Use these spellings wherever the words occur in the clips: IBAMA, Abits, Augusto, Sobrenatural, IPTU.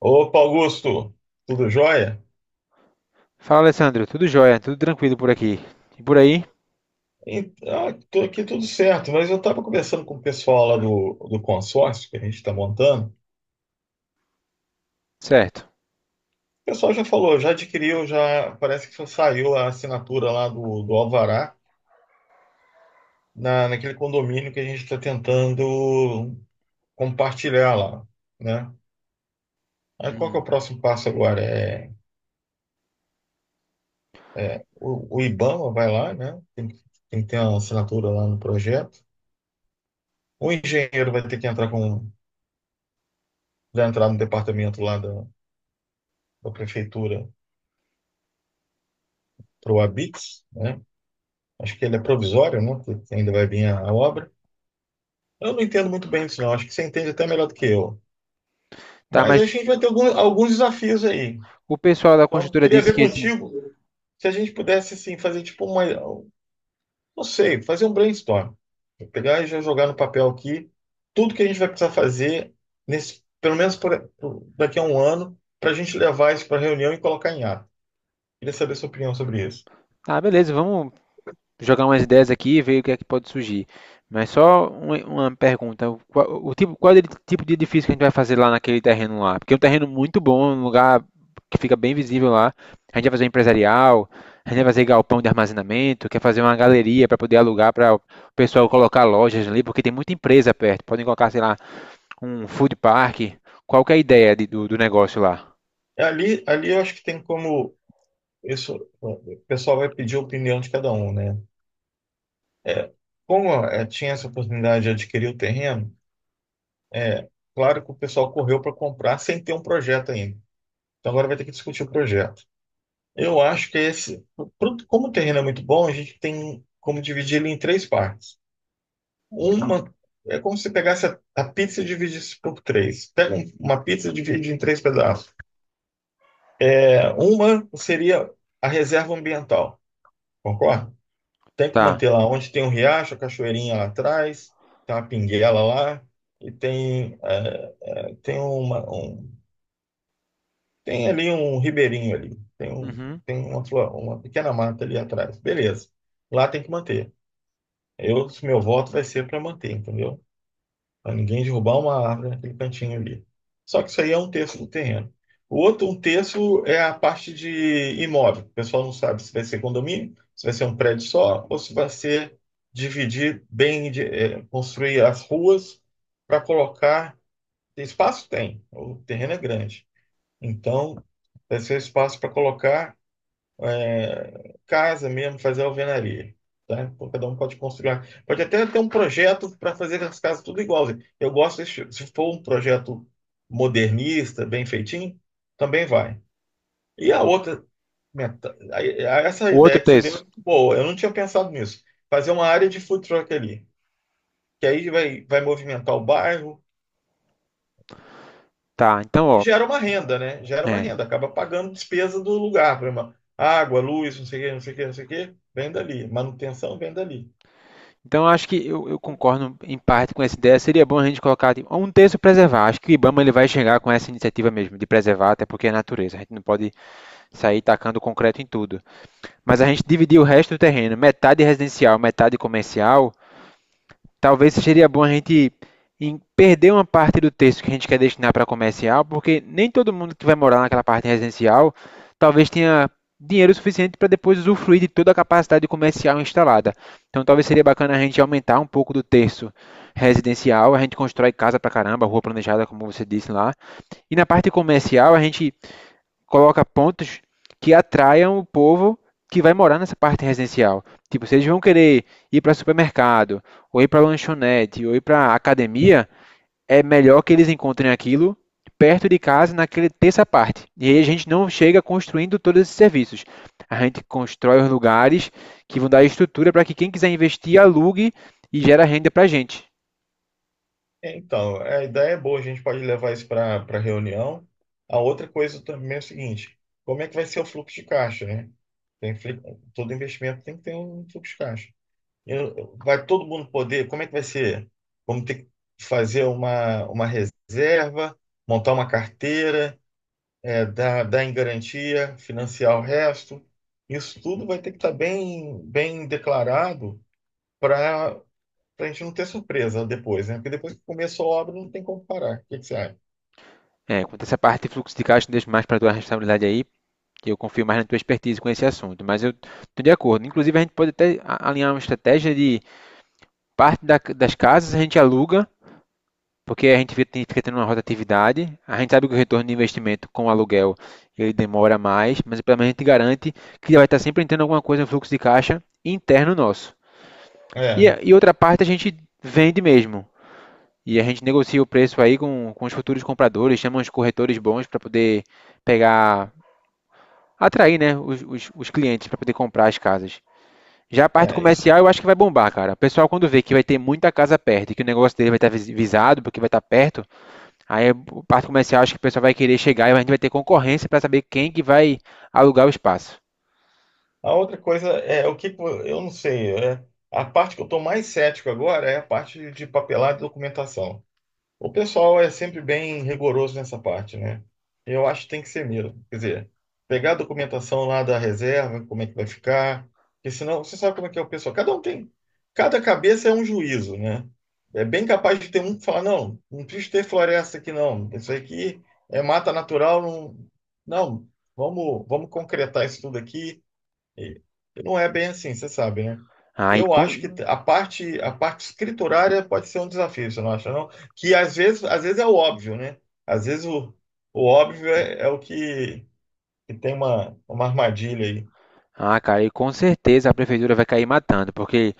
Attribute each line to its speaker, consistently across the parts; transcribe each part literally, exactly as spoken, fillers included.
Speaker 1: Opa, Augusto, tudo jóia?
Speaker 2: Fala, Alessandro. Tudo jóia, tudo tranquilo por aqui. E por aí?
Speaker 1: Então, tô aqui tudo certo, mas eu estava conversando com o pessoal lá do, do consórcio que a gente está montando. O
Speaker 2: Certo.
Speaker 1: pessoal já falou, já adquiriu, já parece que só saiu a assinatura lá do, do Alvará na, naquele condomínio que a gente está tentando compartilhar lá, né? Aí qual que é o
Speaker 2: Hum.
Speaker 1: próximo passo agora? É, é, o, o IBAMA vai lá, né? Tem, que- tem que ter a assinatura lá no projeto. O engenheiro vai ter que entrar com, vai entrar no departamento lá da prefeitura para o Abits, né? Acho que ele é provisório, né? Porque ainda vai vir a, a obra. Eu não entendo muito bem isso, não. Acho que você entende até melhor do que eu.
Speaker 2: Tá,
Speaker 1: Mas
Speaker 2: mas
Speaker 1: a gente vai ter algum- alguns desafios aí.
Speaker 2: o pessoal da
Speaker 1: Então,
Speaker 2: construtora
Speaker 1: queria
Speaker 2: disse
Speaker 1: ver
Speaker 2: que esse.
Speaker 1: contigo se a gente pudesse assim fazer tipo uma, não sei, fazer um brainstorm. Vou pegar e já jogar no papel aqui tudo que a gente vai precisar fazer nesse, pelo menos por- por- daqui a um ano, para a gente levar isso para a reunião e colocar em ato. Queria saber sua opinião sobre isso.
Speaker 2: Ah, beleza, vamos jogar umas ideias aqui e ver o que é que pode surgir. Mas só uma, uma pergunta: o, qual- o tipo, qual é o tipo de edifício que a gente vai fazer lá naquele terreno lá? Porque é um terreno muito bom, um lugar que fica bem visível lá. A gente vai fazer um empresarial, a gente vai fazer galpão de armazenamento, quer fazer uma galeria para poder alugar para o pessoal colocar lojas ali, porque tem muita empresa perto. Podem colocar, sei lá. Um food park. Qual que é a ideia de- do, do negócio lá?
Speaker 1: É, Ali, ali eu acho que tem como isso, o pessoal vai pedir a opinião de cada um, né? Como eh, tinha essa oportunidade de adquirir o terreno, é claro que o pessoal correu para comprar sem ter um projeto ainda. Então agora vai ter que discutir o projeto. Eu acho que esse, pro- como o terreno é muito bom, a gente tem como dividir ele em três partes. Uma é como se pegasse a, a pizza e dividisse por três. Pega um- uma pizza e divide em três pedaços. É, uma seria a reserva ambiental, concorda? Tem que
Speaker 2: Tá.
Speaker 1: manter lá onde tem um riacho, a cachoeirinha lá atrás, tem uma pinguela lá e tem, é, tem uma, um, tem ali um ribeirinho ali, tem, um,
Speaker 2: Uhum.
Speaker 1: tem uma, flor- uma pequena mata ali atrás. Beleza. Lá tem que manter. Eu, meu voto vai ser para manter, entendeu? Para ninguém derrubar uma árvore naquele cantinho ali. Só que isso aí é um terço do terreno. O outro, um terço, é a parte de imóvel. O pessoal não sabe se vai ser condomínio, se vai ser um prédio só, ou se vai ser dividir bem, de- eh, construir as ruas para colocar. Espaço tem, o terreno é grande. Então, vai ser espaço para colocar é, casa mesmo, fazer alvenaria. Tá? Então, cada um pode construir. Pode até ter um projeto para fazer as casas tudo igual. Eu gosto, desse- se for um projeto modernista, bem feitinho, também vai. E a outra, meta- aí- essa
Speaker 2: O outro
Speaker 1: ideia que você deu é
Speaker 2: texto.
Speaker 1: muito boa. Eu não tinha pensado nisso. Fazer uma área de food truck ali, que aí vai, vai movimentar o bairro
Speaker 2: Tá. Então,
Speaker 1: e
Speaker 2: ó.
Speaker 1: gera uma renda, né? Gera uma
Speaker 2: É.
Speaker 1: renda, acaba pagando despesa do lugar, por exemplo, água, luz, não sei o quê, não sei o quê, não sei o quê, vem dali. Manutenção vem dali.
Speaker 2: Então, eu acho que eu, eu concordo em parte com essa ideia. Seria bom a gente colocar tipo, um texto preservar. Acho que o IBAMA ele vai chegar com essa iniciativa mesmo de preservar, até porque é natureza. A gente não pode sair tacando concreto em tudo. Mas a gente dividir o resto do terreno, metade residencial, metade comercial. Talvez seria bom a gente em- perder uma parte do texto que a gente quer destinar para comercial, porque nem todo mundo que vai morar naquela parte residencial talvez tenha dinheiro suficiente para depois usufruir de toda a capacidade comercial instalada. Então talvez seria bacana a gente aumentar um pouco do texto residencial, a gente constrói casa pra caramba, rua planejada, como você disse lá. E na parte comercial, a gente coloca pontos que atraiam o povo que vai morar nessa parte residencial. Tipo, se eles vão querer ir para supermercado, ou ir para lanchonete, ou ir para academia, é melhor que eles encontrem aquilo perto de casa, naquele terça parte. E aí a gente não chega construindo todos esses serviços. A gente constrói os lugares que vão dar estrutura para que quem quiser investir alugue e gera renda para a gente.
Speaker 1: É, Então, a ideia é boa, a gente pode levar isso para para reunião. A outra coisa também é o seguinte: como é que vai ser o fluxo de caixa, né? Tem, fli- Todo investimento tem que ter um fluxo de caixa. Eu- vai todo mundo poder? Como é que vai ser? Vamos ter que fazer uma, uma reserva, montar uma carteira, é, dar, dar em garantia, financiar o resto. Isso tudo vai ter que estar bem, bem declarado pra gente não ter surpresa depois, né? Porque depois que começou a obra, não tem como parar. O que que você acha?
Speaker 2: É, quanto a essa parte de fluxo de caixa, deixo mais para a tua responsabilidade aí, que eu confio mais na tua expertise com esse assunto, mas eu estou de acordo. Inclusive, a gente pode até alinhar uma estratégia de parte da, das casas a gente aluga, porque a gente fica tendo uma rotatividade, a gente sabe que o retorno de investimento com o aluguel ele demora mais, mas pelo menos a gente garante que vai estar sempre entrando alguma coisa no fluxo de caixa interno nosso. E,
Speaker 1: É,
Speaker 2: e outra parte a gente vende mesmo, e a gente negocia o preço aí com, com os futuros compradores, chama os corretores bons para poder pegar, atrair né, os, os, os clientes para poder comprar as casas. Já a parte
Speaker 1: é isso.
Speaker 2: comercial eu acho que vai bombar, cara. O pessoal quando vê que vai ter muita casa perto e que o negócio dele vai estar vis- visado, porque vai estar perto, aí a parte comercial acho que o pessoal vai querer chegar e a gente vai ter concorrência para saber quem que vai alugar o espaço.
Speaker 1: A outra coisa é o que que vo- eu não sei. É, a parte que eu estou mais cético agora é a parte de papelada e documentação. O pessoal é sempre bem rigoroso nessa parte, né? Eu acho que tem que ser mesmo. Quer dizer, pegar a documentação lá da reserva, como é que vai ficar, porque senão você sabe como é que é o pessoal. Cada um tem, cada cabeça é um juízo, né? É bem capaz de ter um que fala, não, não precisa ter floresta aqui, não. Isso aqui é mata natural, não. Não, vamos, vamos concretar isso tudo aqui. E não é bem assim, você sabe, né?
Speaker 2: Aí
Speaker 1: Eu acho que
Speaker 2: com-
Speaker 1: a parte, a parte escriturária pode ser um desafio, você não acha, não? Que às vezes, às vezes é o óbvio, né? Às vezes o, o óbvio é, é o que, que tem uma, uma armadilha aí.
Speaker 2: Ah, cara, e com certeza a prefeitura vai cair matando, porque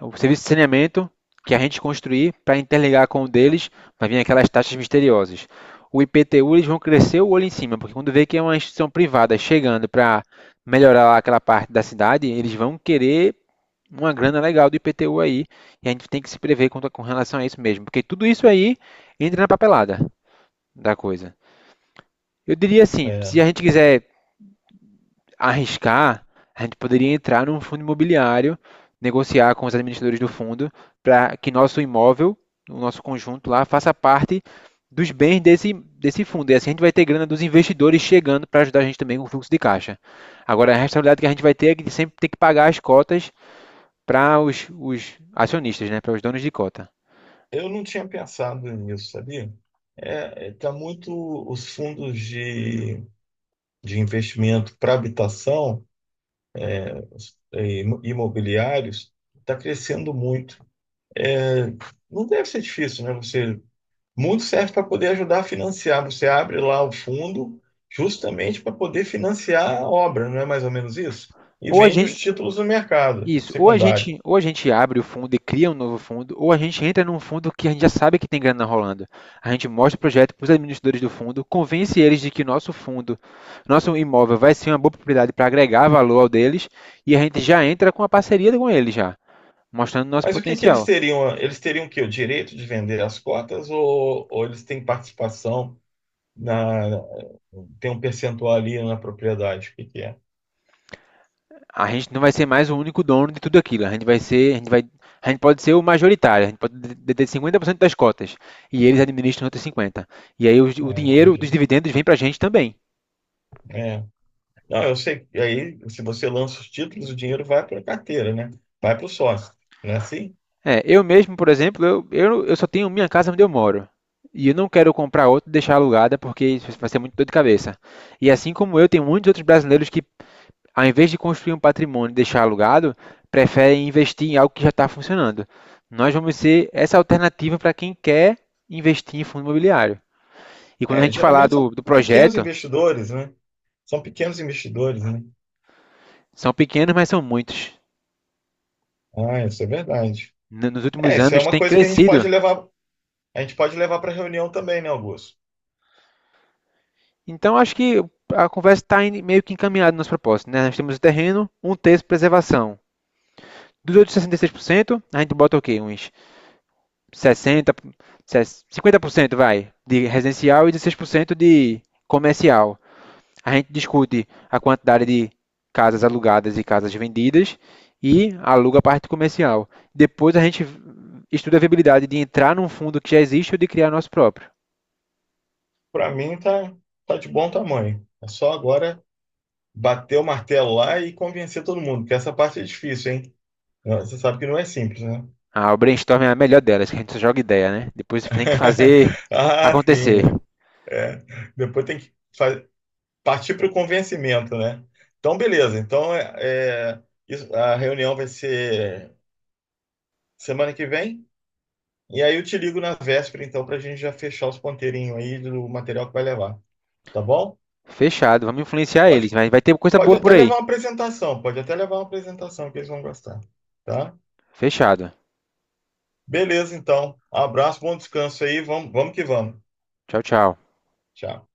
Speaker 2: o serviço de saneamento que a gente construir para interligar com o deles vai vir aquelas taxas misteriosas. O I P T U eles vão crescer o olho em cima, porque quando vê que é uma instituição privada chegando para melhorar lá aquela parte da cidade, eles vão querer uma grana legal do I P T U aí, e a gente tem que se prever quanto- com relação a isso mesmo, porque tudo isso aí entra na papelada da coisa. Eu diria assim, se a
Speaker 1: É.
Speaker 2: gente quiser arriscar, a gente poderia entrar num fundo imobiliário, negociar com os administradores do fundo para que nosso imóvel, o nosso conjunto lá, faça parte dos bens desse, desse fundo. E assim a gente vai ter grana dos investidores chegando para ajudar a gente também com o fluxo de caixa. Agora, a responsabilidade que a gente vai ter é que sempre ter que pagar as cotas para os, os acionistas, né, para os donos de cota.
Speaker 1: Eu não tinha pensado nisso, sabia? É, é, tá muito os fundos de, de investimento para habitação e imobiliários está crescendo muito. É, Não deve ser difícil, né? Você muito serve para poder ajudar a financiar. Você abre lá o fundo justamente para poder financiar a obra, não é mais ou menos isso? E
Speaker 2: Ou a
Speaker 1: vende os
Speaker 2: gente,
Speaker 1: títulos no mercado
Speaker 2: Isso, ou a
Speaker 1: secundário.
Speaker 2: gente, ou a gente abre o fundo e cria um novo fundo, ou a gente entra num fundo que a gente já sabe que tem grana rolando. A gente mostra o projeto para os administradores do fundo, convence eles de que nosso fundo, nosso imóvel vai ser uma boa propriedade para agregar valor ao deles, e a gente já entra com a parceria com eles já, mostrando nosso
Speaker 1: Mas o que que eles
Speaker 2: potencial.
Speaker 1: teriam? Eles teriam que o quê? O direito de vender as cotas ou, ou eles têm participação na tem um percentual ali na propriedade? O que que é?
Speaker 2: A gente não vai ser mais o único dono de tudo aquilo, a gente vai ser, a gente vai, a gente pode ser o majoritário, a gente pode deter cinquenta por cento das cotas, e eles administram outros cinquenta por cento. E aí o, o
Speaker 1: Ah,
Speaker 2: dinheiro dos
Speaker 1: entendi.
Speaker 2: dividendos vem para a gente também.
Speaker 1: É. Não, eu sei. Que aí, se você lança os títulos, o dinheiro vai para a carteira, né? Vai para o sócio, não é assim?
Speaker 2: É, eu mesmo, por exemplo, eu, eu, eu só tenho minha casa onde eu moro. E eu não quero comprar outra e deixar alugada porque isso vai ser muito dor de cabeça. E assim como eu, tem muitos outros brasileiros que, ao invés de construir um patrimônio e deixar alugado, preferem investir em algo que já está funcionando. Nós vamos ser essa alternativa para quem quer investir em fundo imobiliário. E quando a
Speaker 1: É,
Speaker 2: gente falar
Speaker 1: geralmente são
Speaker 2: do, do
Speaker 1: pequenos
Speaker 2: projeto,
Speaker 1: investidores, né? São pequenos investidores, né?
Speaker 2: são pequenos, mas são muitos.
Speaker 1: Ah, isso é verdade.
Speaker 2: N- Nos últimos
Speaker 1: É, isso é
Speaker 2: anos
Speaker 1: uma
Speaker 2: tem
Speaker 1: coisa que a gente
Speaker 2: crescido.
Speaker 1: pode levar, a gente pode levar para reunião também, né, Augusto?
Speaker 2: Então, acho que a conversa está meio que encaminhada nas propostas, né? Nós temos o terreno, um terço de preservação. Dos outros sessenta e seis por cento, a gente bota o quê? Uns sessenta, cinquenta por cento vai de residencial e dezesseis por cento de comercial. A gente discute a quantidade de casas alugadas e casas vendidas e aluga a parte comercial. Depois a gente estuda a viabilidade de entrar num fundo que já existe ou de criar nosso próprio.
Speaker 1: Para mim tá, tá de bom tamanho. É só agora bater o martelo lá e convencer todo mundo, que essa parte é difícil, hein? Não, você sabe que não é simples, né?
Speaker 2: Ah, o brainstorm é a melhor delas, que a gente só joga ideia, né? Depois você tem que fazer
Speaker 1: Ah,
Speaker 2: acontecer.
Speaker 1: sim. É. Depois tem que fa- Partir para o convencimento, né? Então, beleza. Então, é, é, isso- a reunião vai ser semana que vem? E aí eu te ligo na véspera, então, para a gente já fechar os ponteirinhos aí do material que vai levar. Tá bom?
Speaker 2: Fechado, vamos influenciar eles,
Speaker 1: Pode,
Speaker 2: mas vai ter coisa
Speaker 1: pode
Speaker 2: boa
Speaker 1: até
Speaker 2: por
Speaker 1: levar
Speaker 2: aí.
Speaker 1: uma apresentação, pode até levar uma apresentação que eles vão gostar. Tá?
Speaker 2: Fechado.
Speaker 1: Beleza, então. Abraço, bom descanso aí. Vamos, vamos que vamos.
Speaker 2: Tchau, tchau.
Speaker 1: Tchau.